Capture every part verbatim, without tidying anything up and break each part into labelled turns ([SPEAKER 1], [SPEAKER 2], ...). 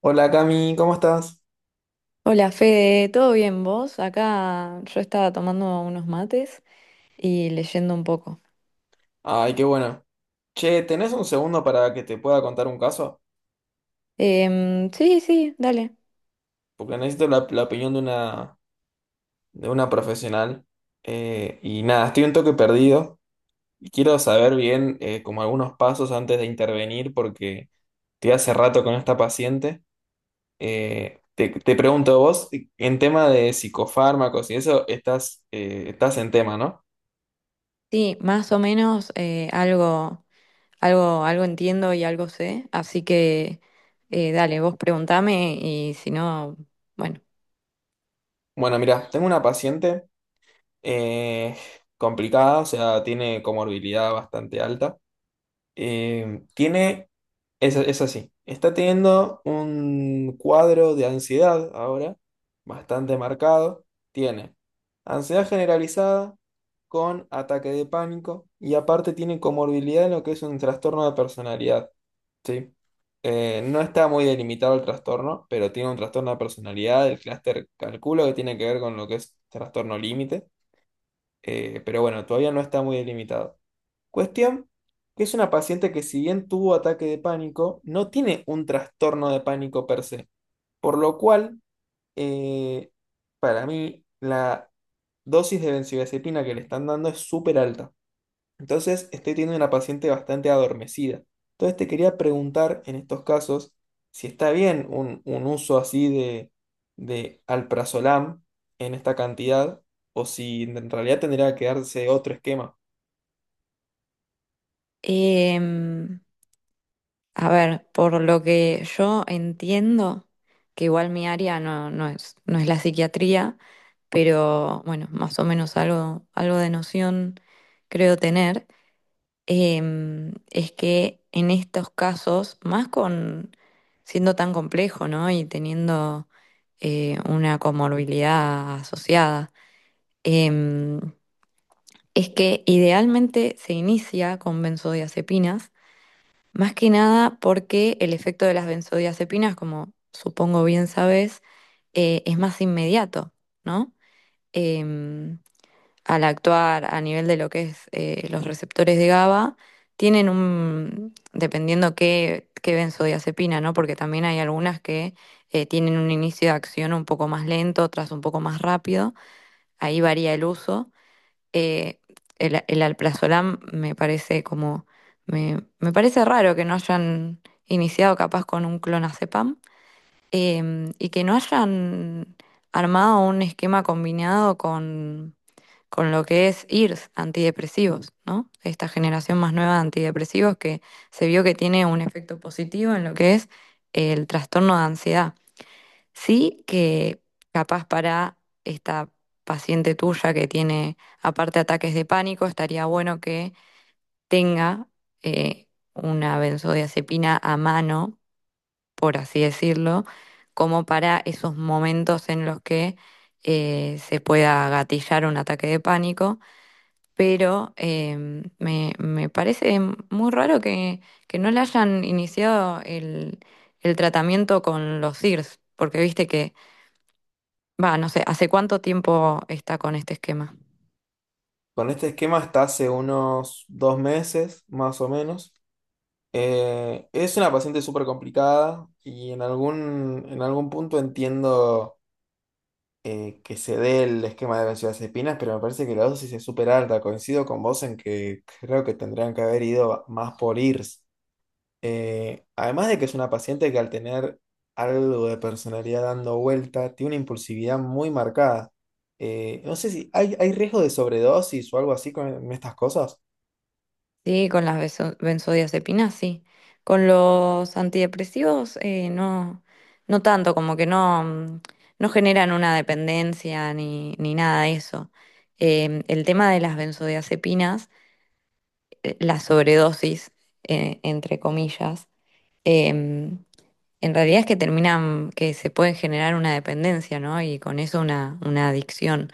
[SPEAKER 1] Hola Cami, ¿cómo estás?
[SPEAKER 2] Hola Fede, ¿todo bien vos? Acá yo estaba tomando unos mates y leyendo un poco.
[SPEAKER 1] Ay, qué bueno. Che, ¿tenés un segundo para que te pueda contar un caso?
[SPEAKER 2] Em, sí, sí, dale.
[SPEAKER 1] Porque necesito la, la opinión de una, de una profesional. Eh, y nada, estoy un toque perdido y quiero saber bien eh, como algunos pasos antes de intervenir porque estoy hace rato con esta paciente. Eh, te, te pregunto vos, en tema de psicofármacos y eso, estás, eh, estás en tema, ¿no?
[SPEAKER 2] Sí, más o menos eh, algo, algo, algo entiendo y algo sé, así que eh, dale, vos preguntame y si no, bueno.
[SPEAKER 1] Bueno, mira, tengo una paciente. Eh, complicada, o sea, tiene comorbilidad bastante alta. Eh, tiene, es, es así, está teniendo un cuadro de ansiedad ahora, bastante marcado. Tiene ansiedad generalizada con ataque de pánico y aparte tiene comorbilidad en lo que es un trastorno de personalidad, ¿sí? Eh, no está muy delimitado el trastorno, pero tiene un trastorno de personalidad, el clúster calculo que tiene que ver con lo que es trastorno límite. Eh, pero bueno, todavía no está muy delimitado. Cuestión que es una paciente que si bien tuvo ataque de pánico, no tiene un trastorno de pánico per se. Por lo cual, eh, para mí, la dosis de benzodiazepina que le están dando es súper alta. Entonces, estoy teniendo una paciente bastante adormecida. Entonces, te quería preguntar en estos casos si está bien un, un uso así de, de alprazolam en esta cantidad o si en realidad tendría que darse otro esquema.
[SPEAKER 2] Em, A ver, por lo que yo entiendo, que igual mi área no, no es, no es la psiquiatría, pero bueno, más o menos algo, algo de noción creo tener, em, es que en estos casos, más con siendo tan complejo, ¿no? Y teniendo eh, una comorbilidad asociada, em, es que idealmente se inicia con benzodiazepinas más que nada porque el efecto de las benzodiazepinas, como supongo bien sabes, eh, es más inmediato, ¿no? Em, Al actuar a nivel de lo que es eh, los receptores de GABA, tienen un, dependiendo qué, qué benzodiazepina, ¿no? Porque también hay algunas que eh, tienen un inicio de acción un poco más lento, otras un poco más rápido, ahí varía el uso, eh, el, el alprazolam me parece como, me, me parece raro que no hayan iniciado capaz con un clonazepam eh, y que no hayan armado un esquema combinado con, con lo que es I R S, antidepresivos, ¿no? Esta generación más nueva de antidepresivos que se vio que tiene un efecto positivo en lo que es el trastorno de ansiedad. Sí, que capaz para esta paciente tuya que tiene aparte ataques de pánico, estaría bueno que tenga eh, una benzodiazepina a mano, por así decirlo, como para esos momentos en los que eh, se pueda gatillar un ataque de pánico. Pero em, me, me parece muy raro que, que no le hayan iniciado el, el tratamiento con los S I R S, porque viste que Va, no sé, ¿hace cuánto tiempo está con este esquema?
[SPEAKER 1] Con este esquema está hace unos dos meses, más o menos. Eh, es una paciente súper complicada y en algún, en algún punto entiendo eh, que se dé el esquema de benzodiazepinas, pero me parece que la dosis es súper alta. Coincido con vos en que creo que tendrían que haber ido más por I R S. Eh, además de que es una paciente que al tener algo de personalidad dando vuelta, tiene una impulsividad muy marcada. Eh, no sé si hay, hay riesgo de sobredosis o algo así con en estas cosas.
[SPEAKER 2] Sí, con las beso- benzodiazepinas, sí. Con los antidepresivos, eh, no, no tanto, como que no, mm, no generan una dependencia ni, ni nada de eso. Em, el tema de las benzodiazepinas, eh, la sobredosis, eh, entre comillas, em, En realidad es que terminan, que se pueden generar una dependencia, ¿no? Y con eso una, una adicción.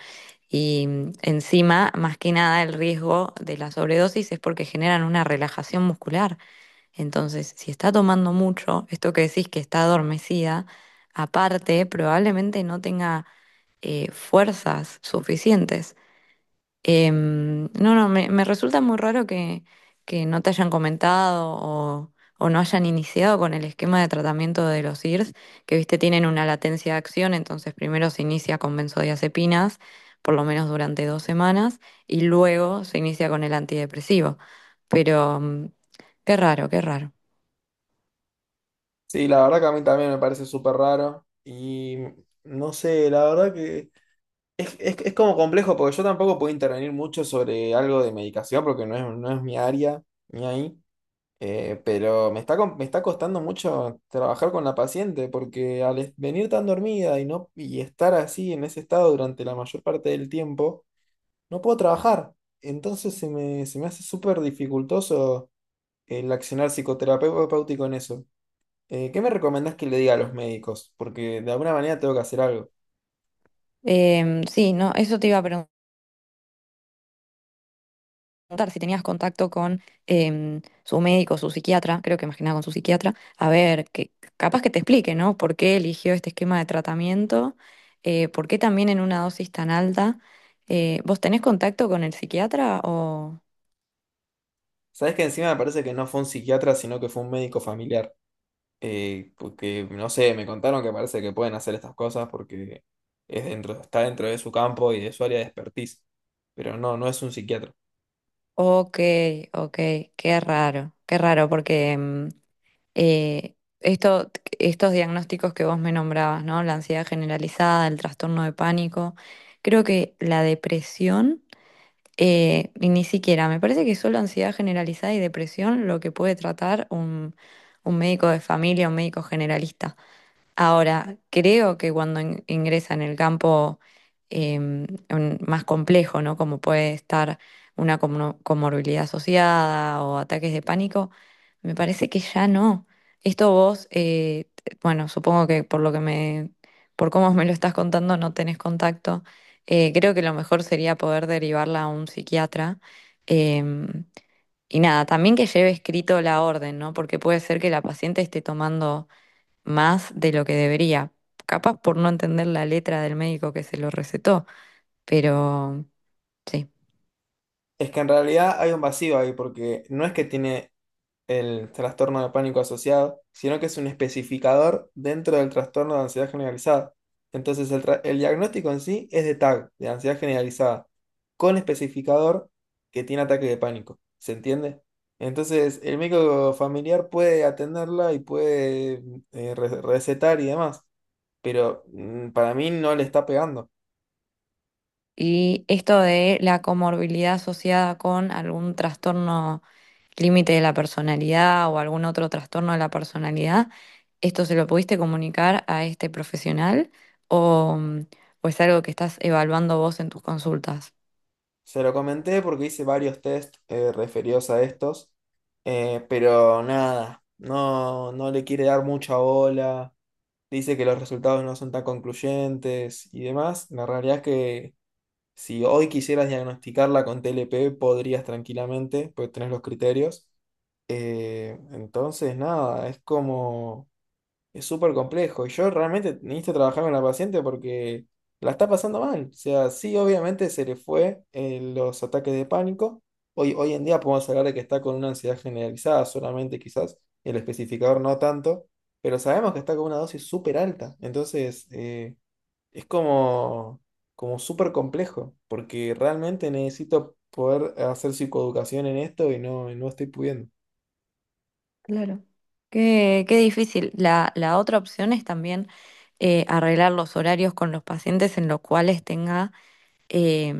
[SPEAKER 2] Y mm, encima, más que nada, el riesgo de la sobredosis es porque generan una relajación muscular. Entonces, si está tomando mucho, esto que decís que está adormecida, aparte, probablemente no tenga eh, fuerzas suficientes. Em, no, no, me, me resulta muy raro que, que no te hayan comentado o, o no hayan iniciado con el esquema de tratamiento de los I R S, que viste tienen una latencia de acción, entonces primero se inicia con benzodiazepinas, por lo menos durante dos semanas, y luego se inicia con el antidepresivo. Pero mm, qué raro, qué raro.
[SPEAKER 1] Sí, la verdad que a mí también me parece súper raro y no sé, la verdad que... Es, es, es como complejo porque yo tampoco puedo intervenir mucho sobre algo de medicación porque no es, no es mi área ni ahí, eh, pero me está, com- me está costando mucho trabajar con la paciente porque al es- venir tan dormida y, no, y estar así en ese estado durante la mayor parte del tiempo, no puedo trabajar. Entonces se me, se me hace súper dificultoso el accionar psicoterapéutico en eso. Eh, ¿qué me recomendás que le diga a los médicos? Porque de alguna manera tengo que hacer algo.
[SPEAKER 2] Em, sí, no, eso te iba a preguntar. preguntar si tenías contacto con em, su médico, su psiquiatra, creo que más que nada con su psiquiatra, a ver, que capaz que te explique, ¿no? ¿Por qué eligió este esquema de tratamiento? Eh, ¿por qué también en una dosis tan alta? Eh, ¿vos tenés contacto con el psiquiatra o?
[SPEAKER 1] Sabes que encima me parece que no fue un psiquiatra, sino que fue un médico familiar. Eh, porque, no sé, me contaron que parece que pueden hacer estas cosas porque es dentro, está dentro de su campo y de su área de expertise. Pero no, no es un psiquiatra.
[SPEAKER 2] Ok, ok, qué raro, qué raro, porque em, eh, esto, estos diagnósticos que vos me nombrabas, ¿no? La ansiedad generalizada, el trastorno de pánico, creo que la depresión. Eh, y ni siquiera, me parece que solo ansiedad generalizada y depresión lo que puede tratar un, un médico de familia, un médico generalista. Ahora, creo que cuando in- ingresa en el campo em, un- más complejo, ¿no? Como puede estar una comno- comorbilidad asociada o ataques de pánico, me parece que ya no. Esto vos, eh, t- bueno, supongo que por lo que me, por cómo me lo estás contando, no tenés contacto. Eh, creo que lo mejor sería poder derivarla a un psiquiatra. em, y nada, también que lleve escrito la orden, ¿no? Porque puede ser que la paciente esté tomando más de lo que debería. Capaz por no entender la letra del médico que se lo recetó, pero sí.
[SPEAKER 1] Es que en realidad hay un vacío ahí porque no es que tiene el trastorno de pánico asociado, sino que es un especificador dentro del trastorno de ansiedad generalizada. Entonces, el, tra- el diagnóstico en sí es de T A G, de ansiedad generalizada, con especificador que tiene ataque de pánico. ¿Se entiende? Entonces, el médico familiar puede atenderla y puede eh, re- recetar y demás, pero mm, para mí no le está pegando.
[SPEAKER 2] Y esto de la comorbilidad asociada con algún trastorno límite de la personalidad o algún otro trastorno de la personalidad, ¿esto se lo pudiste comunicar a este profesional o, o es algo que estás evaluando vos en tus consultas?
[SPEAKER 1] Se lo comenté porque hice varios test eh, referidos a estos, eh, pero nada, no, no le quiere dar mucha bola, dice que los resultados no son tan concluyentes y demás. La realidad es que si hoy quisieras diagnosticarla con T L P, podrías tranquilamente, pues tenés los criterios. Eh, entonces, nada, es como... Es súper complejo. Y yo realmente necesito trabajar con la paciente porque la está pasando mal. O sea, sí, obviamente se le fue eh, los ataques de pánico. Hoy, hoy en día podemos hablar de que está con una ansiedad generalizada solamente, quizás el especificador no tanto, pero sabemos que está con una dosis súper alta. Entonces, eh, es como, como súper complejo porque realmente necesito poder hacer psicoeducación en esto y no, y no estoy pudiendo.
[SPEAKER 2] Claro. Qué, qué difícil. La, la otra opción es también eh, arreglar los horarios con los pacientes en los cuales tenga, eh,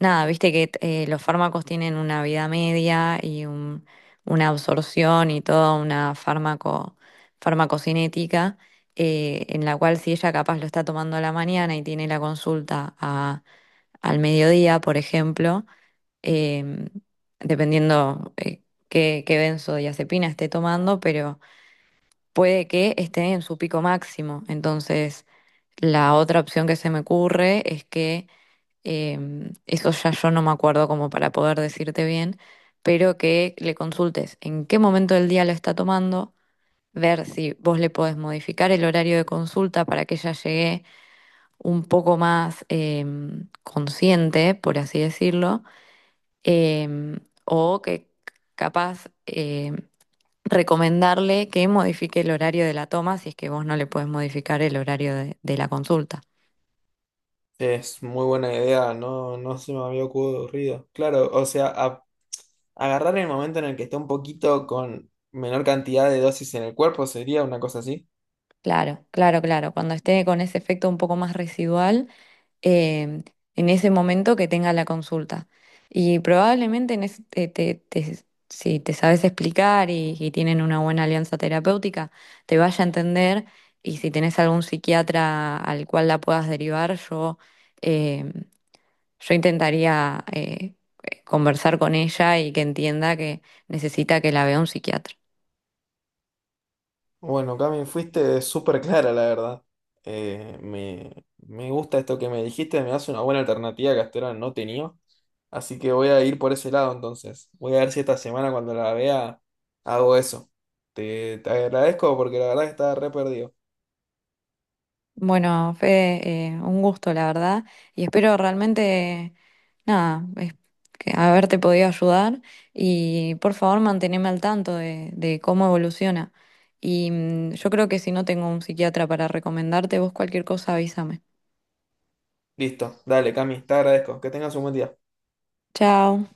[SPEAKER 2] nada, viste que eh, los fármacos tienen una vida media y un- una absorción y toda una fármaco, farmacocinética, eh, en la cual si ella capaz lo está tomando a la mañana y tiene la consulta a- al mediodía, por ejemplo, em, dependiendo... eh, qué, qué benzodiazepina esté tomando, pero puede que esté en su pico máximo. Entonces, la otra opción que se me ocurre es que, em, eso ya yo no me acuerdo como para poder decirte bien, pero que le consultes en qué momento del día lo está tomando, ver si vos le podés modificar el horario de consulta para que ella llegue un poco más em, consciente, por así decirlo, em, o que capaz... em, recomendarle que modifique el horario de la toma si es que vos no le podés modificar el horario de, de la consulta.
[SPEAKER 1] Es muy buena idea, no, no se me había ocurrido. Claro, o sea, a- agarrar el momento en el que está un poquito con menor cantidad de dosis en el cuerpo sería una cosa así.
[SPEAKER 2] Claro, claro, claro. Cuando esté con ese efecto un poco más residual, eh, en ese momento que tenga la consulta. Y probablemente en ese- te- te- te- si te sabes explicar y, y tienen una buena alianza terapéutica, te vaya a entender. Y si tenés algún psiquiatra al cual la puedas derivar, yo eh, Yo intentaría eh, conversar con ella y que entienda que necesita que la vea un psiquiatra.
[SPEAKER 1] Bueno, Cami, fuiste súper clara, la verdad. Eh, me, me gusta esto que me dijiste, me das una buena alternativa que hasta ahora no tenía. Así que voy a ir por ese lado entonces. Voy a ver si esta semana cuando la vea hago eso. Te, te agradezco porque la verdad que estaba re perdido.
[SPEAKER 2] Bueno, Fede, eh, un gusto, la verdad, y espero realmente, nada, es- que haberte podido ayudar y por favor manteneme al tanto de, de cómo evoluciona. Y mm, yo creo que si no tengo un psiquiatra para recomendarte, vos cualquier cosa avísame.
[SPEAKER 1] Listo, dale, Cami, te agradezco. Que tengas un buen día.
[SPEAKER 2] Chao.